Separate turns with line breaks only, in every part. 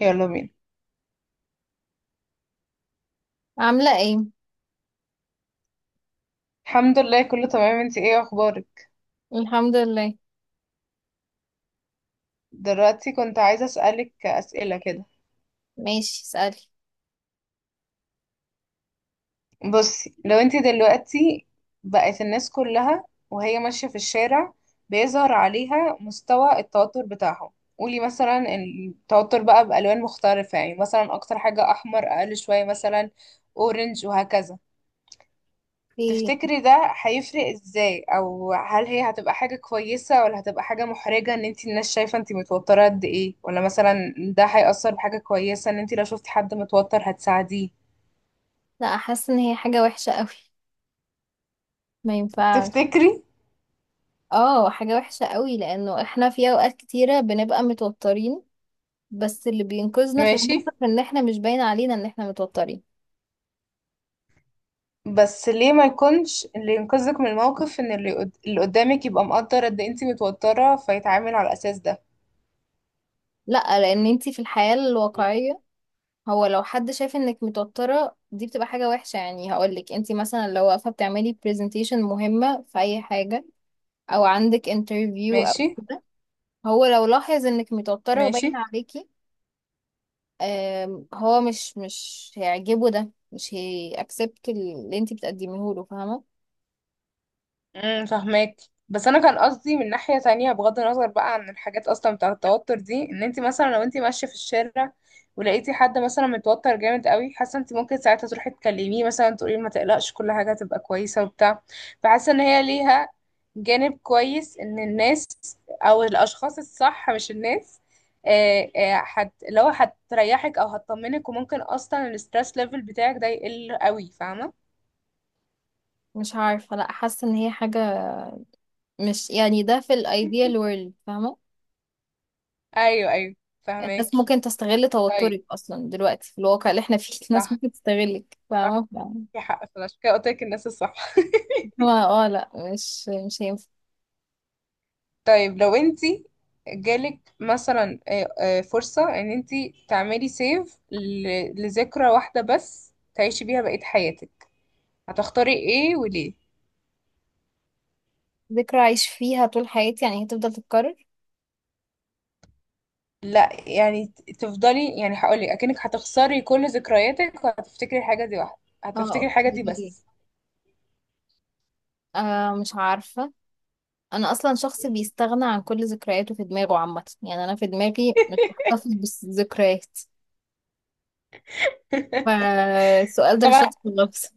يلا بينا.
عاملة ايه؟
الحمد لله، كله تمام. انتي ايه اخبارك؟
الحمد لله.
دلوقتي كنت عايزة اسألك اسئلة كده.
ماشي، اسألي.
بصي، لو انتي دلوقتي بقت الناس كلها وهي ماشية في الشارع بيظهر عليها مستوى التوتر بتاعهم. قولي مثلا التوتر بقى بألوان مختلفة، يعني مثلا اكتر حاجة احمر، اقل شوية مثلا اورنج، وهكذا.
ايه؟
تفتكري ده هيفرق ازاي؟ او هل هي هتبقى حاجة كويسة ولا هتبقى حاجة محرجة ان انتي الناس شايفة انتي متوترة قد ايه؟ ولا مثلا ده هيأثر بحاجة كويسة، ان انتي لو شفتي حد متوتر هتساعديه؟
لا، حاسة ان هي حاجة وحشة قوي. ما ينفعش.
تفتكري؟
اه، حاجة وحشة قوي لانه احنا في اوقات كتيرة بنبقى متوترين، بس اللي بينقذنا في
ماشي.
الموقف ان احنا مش باين علينا ان احنا متوترين.
بس ليه ما يكونش اللي ينقذك من الموقف ان اللي قدامك يبقى مقدر قد إيه انتي متوترة فيتعامل على الاساس ده؟
لا، لان انتي في الحياة الواقعية، هو لو حد شايف انك متوترة دي بتبقى حاجة وحشة، يعني هقولك انتي مثلا لو واقفة بتعملي برزنتيشن مهمة في اي حاجة او عندك انترفيو او
ماشي.
كده، هو لو لاحظ انك متوترة
ماشي.
وباين عليكي، هو مش هيعجبه، ده مش هيأكسبت اللي انتي بتقدميه له، فاهمة.
فهماك. بس انا كان قصدي من ناحية تانية، بغض النظر بقى عن الحاجات اصلا بتاعة التوتر دي، ان انت مثلا لو انت ماشية في الشارع ولقيتي حد مثلا متوتر جامد قوي، حاسة انت ممكن ساعتها تروحي تكلميه مثلا، تقولي له ما تقلقش، كل حاجة هتبقى كويسة وبتاع. فحاسة ان هي ليها جانب كويس ان الناس، او الاشخاص الصح مش الناس. آه، آه، هت لو هتريحك او هتطمنك، وممكن اصلا الستريس ليفل بتاعك ده يقل قوي، فاهمة؟
مش عارفة، لا حاسة ان هي حاجة، مش يعني ده في الايديال وورلد، فاهمة.
ايوه، ايوه.
الناس
فهماكي.
ممكن تستغل
طيب.
توترك اصلا، دلوقتي في الواقع اللي احنا فيه الناس
صح،
ممكن تستغلك،
صح.
فاهمة.
في حق فعلا، عشان كده قلت لك الناس الصح.
هو اه لا، مش هينفع.
طيب، لو انت جالك مثلا فرصة ان انت تعملي سيف لذكرى واحدة بس تعيشي بيها بقية حياتك، هتختاري ايه وليه؟
ذكرى عايش فيها طول حياتي؟ يعني هتفضل تتكرر؟
لا، يعني تفضلي. يعني هقولك اكنك هتخسري كل ذكرياتك وهتفتكري الحاجة دي واحدة،
اه
هتفتكري الحاجة دي
اوكي.
بس.
آه، مش عارفة. أنا أصلا شخص بيستغنى عن كل ذكرياته في دماغه عامة، يعني أنا في دماغي مش بحتفظ بالذكريات، فالسؤال ده
طبعا.
للشخص النفسي.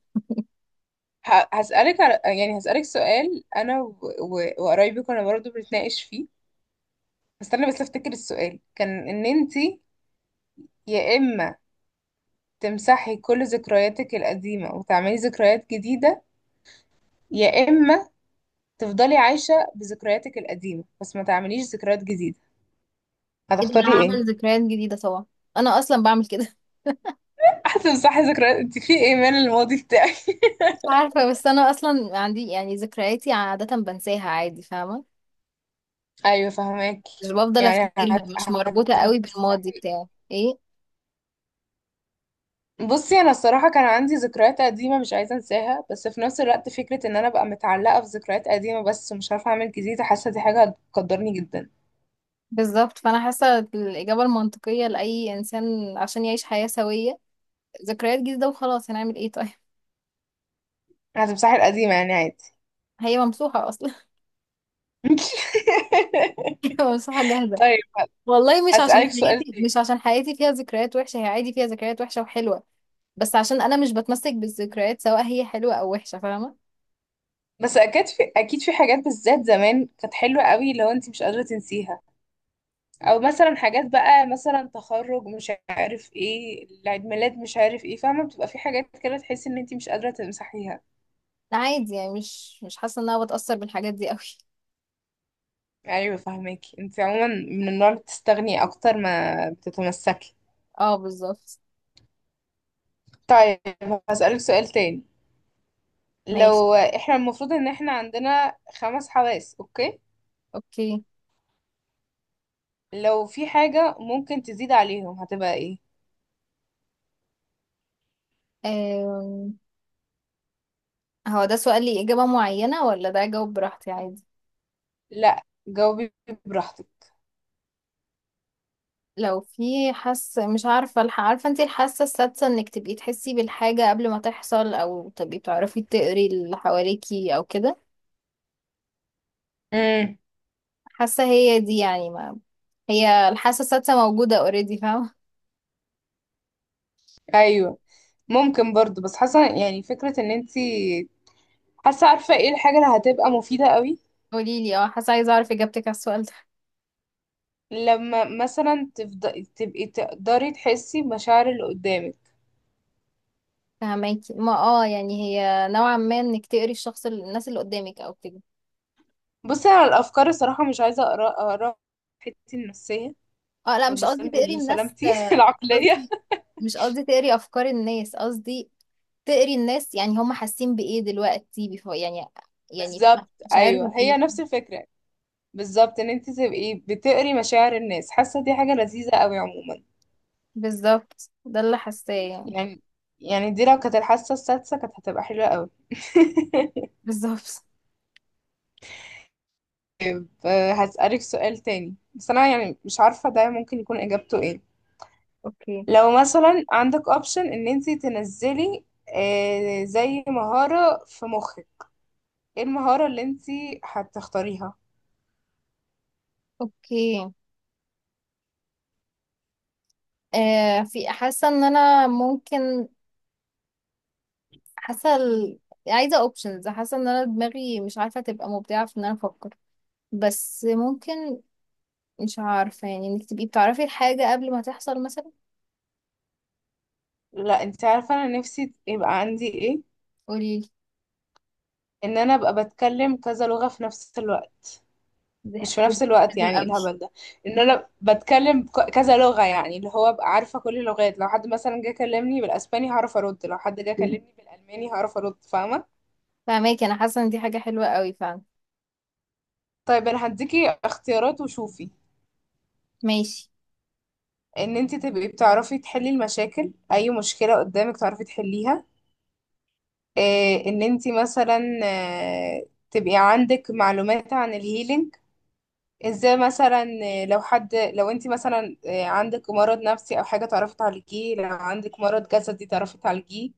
هسألك على، يعني هسألك سؤال، انا وقرايبي كنا برضه بنتناقش فيه. استنى بس افتكر السؤال. كان ان انتي يا اما تمسحي كل ذكرياتك القديمة وتعملي ذكريات جديدة، يا اما تفضلي عايشة بذكرياتك القديمة بس ما تعمليش ذكريات جديدة.
ايه ده،
هتختاري
أنا
ايه؟
هعمل ذكريات جديدة طبعا، انا اصلا بعمل كده.
هتمسحي ذكريات؟ انت في ايمان الماضي بتاعي.
مش عارفة، بس انا اصلا عندي يعني ذكرياتي عادة بنساها عادي، فاهمة،
ايوه، فهماكي.
مش بفضل
يعني
افتكرها، مش مربوطة قوي بالماضي
هتمسحي.
بتاعي. ايه.
بصي انا الصراحه، كان عندي ذكريات قديمه مش عايزه انساها، بس في نفس الوقت فكره ان انا ابقى متعلقه في ذكريات قديمه بس مش عارفه اعمل جديد، حاسه دي حاجه هتقدرني جدا.
بالظبط، فانا حاسة الإجابة المنطقية لأي إنسان عشان يعيش حياة سوية ذكريات جديدة وخلاص، هنعمل ايه طيب.
هتمسحي القديمة يعني، عادي.
هي ممسوحة أصلا. هي ممسوحة جاهزة.
طيب،
والله مش عشان
أسألك سؤال
حياتي
تاني.
مش عشان حياتي فيها ذكريات وحشة، هي عادي فيها ذكريات وحشة وحلوة، بس عشان انا مش بتمسك بالذكريات، سواء هي حلوة او وحشة، فاهمة.
بس أكيد في حاجات بالذات زمان كانت حلوة قوي لو أنت مش قادرة تنسيها. أو مثلا حاجات، بقى مثلا تخرج مش عارف ايه، العيد ميلاد مش عارف ايه، فاهمة؟ بتبقى في حاجات كده تحسي إن أنت مش قادرة تمسحيها.
لا، عادي، يعني مش حاسة ان انا بتأثر بالحاجات دي قوي.
أيوة فاهماكي، أنت عموما من النوع اللي بتستغني أكتر ما بتتمسكي.
اه بالظبط.
طيب، هسألك سؤال تاني.
ماشي.
لو احنا المفروض إن احنا عندنا خمس حواس، أوكي؟
اوكي.
لو في حاجة ممكن تزيد عليهم هتبقى ايه؟
أم... هو ده سؤال لي اجابة معينة ولا ده اجاوب براحتي عادي؟
لا، جاوبي براحتك.
لو في حاسة، مش عارفة عارفة انتي الحاسة السادسة، انك تبقي تحسي بالحاجة قبل ما تحصل، او تبقي بتعرفي تقري اللي حواليكي او كده.
امم
حاسة هي دي، يعني ما هي الحاسة السادسة موجودة اوريدي، فاهمة.
ايوه. ممكن برضو، بس حاسة يعني، فكرة ان انتي حاسة عارفة ايه الحاجة اللي هتبقى مفيدة قوي.
قوليلي، اه حاسة، عايزة اعرف اجابتك على السؤال ده.
لما مثلا تبقي تقدري تحسي بمشاعر اللي قدامك.
فهماكي، ما اه يعني هي نوعا ما انك تقري الشخص الناس اللي قدامك او كده.
بصي انا الافكار الصراحة مش عايزة اقرا اقرا حتتي النفسية،
اه لا، مش قصدي تقري الناس،
لسلامتي العقلية.
قصدي مش قصدي تقري افكار الناس، قصدي تقري الناس يعني هم حاسين بايه دلوقتي، بيفو يعني، يعني
بالظبط. ايوه،
مشاعرهم
هي
ايه.
نفس الفكرة. بالظبط، ان انت تبقي بتقري مشاعر الناس حاسه دي حاجه لذيذه قوي عموما.
بالظبط، ده اللي حاساه يعني.
يعني يعني دي لو كانت الحاسة السادسة كانت هتبقى حلوة قوي.
بالظبط.
فهسألك سؤال تاني، بس أنا يعني مش عارفة ده ممكن يكون إجابته إيه.
اوكي.
لو مثلا عندك أوبشن إن أنتي تنزلي زي مهارة في مخك، إيه المهارة اللي أنتي هتختاريها؟
اوكي آه، في حاسه ان انا ممكن، حاسه ال- عايزه اوبشنز، حاسه ان انا دماغي مش عارفه تبقى مبدعه في ان انا افكر، بس ممكن مش عارفة يعني انك تبقي بتعرفي الحاجة قبل ما تحصل مثلا.
لا، أنتي عارفة أنا نفسي يبقى عندي إيه؟
قوليلي.
إن أنا أبقى بتكلم كذا لغة في نفس الوقت.
دي حاجة
مش في نفس الوقت،
حلوة
يعني ايه
قوي.
الهبل ده. ان انا بتكلم كذا لغة، يعني اللي هو ابقى عارفة كل اللغات. لو حد مثلا جه كلمني بالاسباني هعرف ارد، لو حد جه كلمني بالالماني هعرف ارد، فاهمة؟
فاهماكي، انا حاسة ان دي حاجة حلوة قوي فعلا.
طيب، انا هديكي اختيارات وشوفي.
ماشي.
ان انت تبقي بتعرفي تحلي المشاكل، اي مشكلة قدامك تعرفي تحليها. إيه، ان انت مثلا تبقي عندك معلومات عن الهيلينج، ازاي مثلا. لو انت مثلا عندك مرض نفسي او حاجه تعرفي تعالجيه، لو عندك مرض جسدي تعرفي تعالجيه.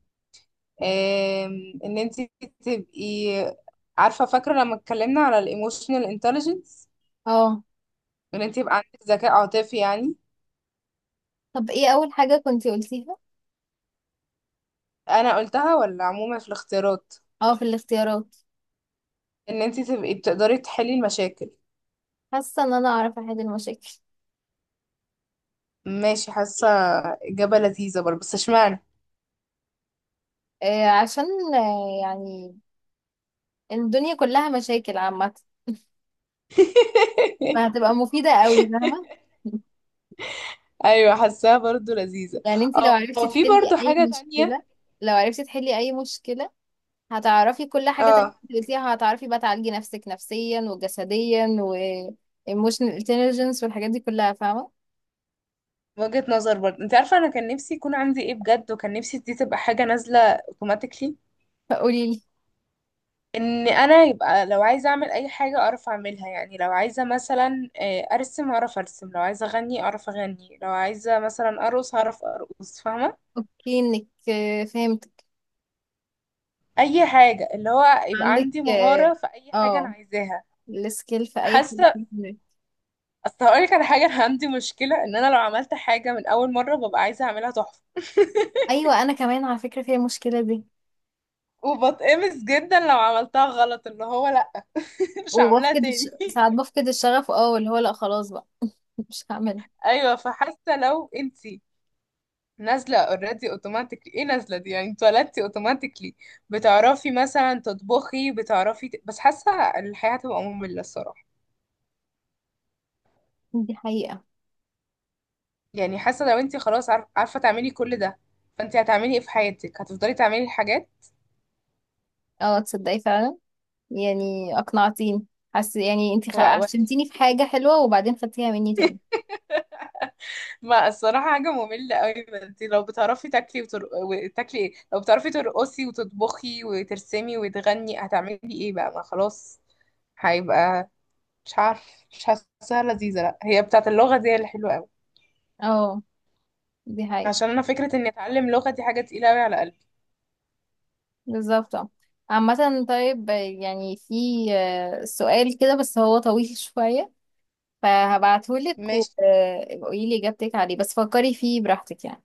ان انت تبقي عارفه، فاكره لما اتكلمنا على الايموشنال انتليجنس.
اه.
ان انت يبقى عندك ذكاء عاطفي يعني.
طب ايه اول حاجة كنتي قلتيها؟
انا قلتها ولا عموما في الاختيارات؟
اه، في الاختيارات.
ان انت تبقي بتقدري تحلي المشاكل.
حاسة ان انا اعرف احل المشاكل.
ماشي، حاسه اجابه لذيذه برضه، بس اشمعنى؟
آه عشان، آه يعني الدنيا كلها مشاكل عامة، فهتبقى مفيدة قوي، فاهمة.
ايوه، حاساها برضه لذيذه.
يعني انتي لو
اه،
عرفتي
في
تحلي
برضه
اي
حاجه تانية.
مشكلة، لو عرفتي تحلي اي مشكلة هتعرفي كل حاجة تانية
اه،
انت قلتيها، هتعرفي بقى تعالجي نفسك نفسيا وجسديا و emotional intelligence والحاجات دي كلها، فاهمة.
وجهة نظر برضه. انت عارفة انا كان نفسي يكون عندي ايه بجد؟ وكان نفسي دي تبقى حاجة نازلة اوتوماتيكلي.
فقولي لي.
ان انا يبقى لو عايزة اعمل اي حاجة اعرف اعملها. يعني لو عايزة مثلا ارسم اعرف ارسم، لو عايزة اغني اعرف اغني، لو عايزة مثلا ارقص هعرف ارقص، فاهمة؟
اوكي، انك فهمتك.
اي حاجة، اللي هو يبقى
عندك
عندي مهارة
اه،
في اي حاجة انا
آه،
عايزاها.
السكيل في اي حاجة
حاسة.
فيهم.
اصل هقولك على حاجة، انا عندي مشكلة ان انا لو عملت حاجة من اول مرة ببقى عايزة اعملها تحفة.
ايوه، انا كمان على فكرة فيها المشكلة دي.
وبتقمص جدا لو عملتها غلط، اللي هو لا، مش هعملها تاني.
ساعات بفقد الشغف، اه اللي هو لا خلاص بقى، مش هعمل.
ايوه، فحاسه لو انت نازله اوريدي اوتوماتيكلي. ايه نازله دي؟ يعني اتولدتي اوتوماتيكلي. بتعرفي مثلا تطبخي، بتعرفي بس حاسه الحياه هتبقى ممله الصراحه.
دي حقيقة.
يعني حاسه لو انت خلاص عارفه تعملي كل ده، فانت هتعملي ايه في حياتك؟ هتفضلي تعملي الحاجات.
اه تصدقي فعلا، يعني اقنعتيني. حاسه يعني
و... و...
عشمتيني في حاجة حلوة وبعدين خدتيها مني تاني.
ما الصراحه حاجه ممله قوي. انت لو بتعرفي تاكلي وتاكلي ايه، لو بتعرفي ترقصي وتطبخي وترسمي وتغني هتعملي ايه بقى؟ ما خلاص. هيبقى، مش عارف، مش حاساها لذيذة. لا، هي بتاعت اللغة دي اللي حلوة قوي.
اه دي حقيقة.
عشان انا فكرة اني اتعلم لغة دي حاجة تقيلة قوي على قلبي.
بالظبط اه. عامة طيب. يعني في سؤال كده بس هو طويل شوية، فهبعتهولك
ماشي.
وقولي لي إجابتك عليه، بس فكري فيه براحتك يعني.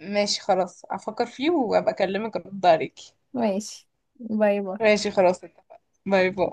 ماشي خلاص، افكر فيه وابقى اكلمك ارد عليكي.
ماشي. باي باي.
ماشي خلاص، اتفقنا. باي باي.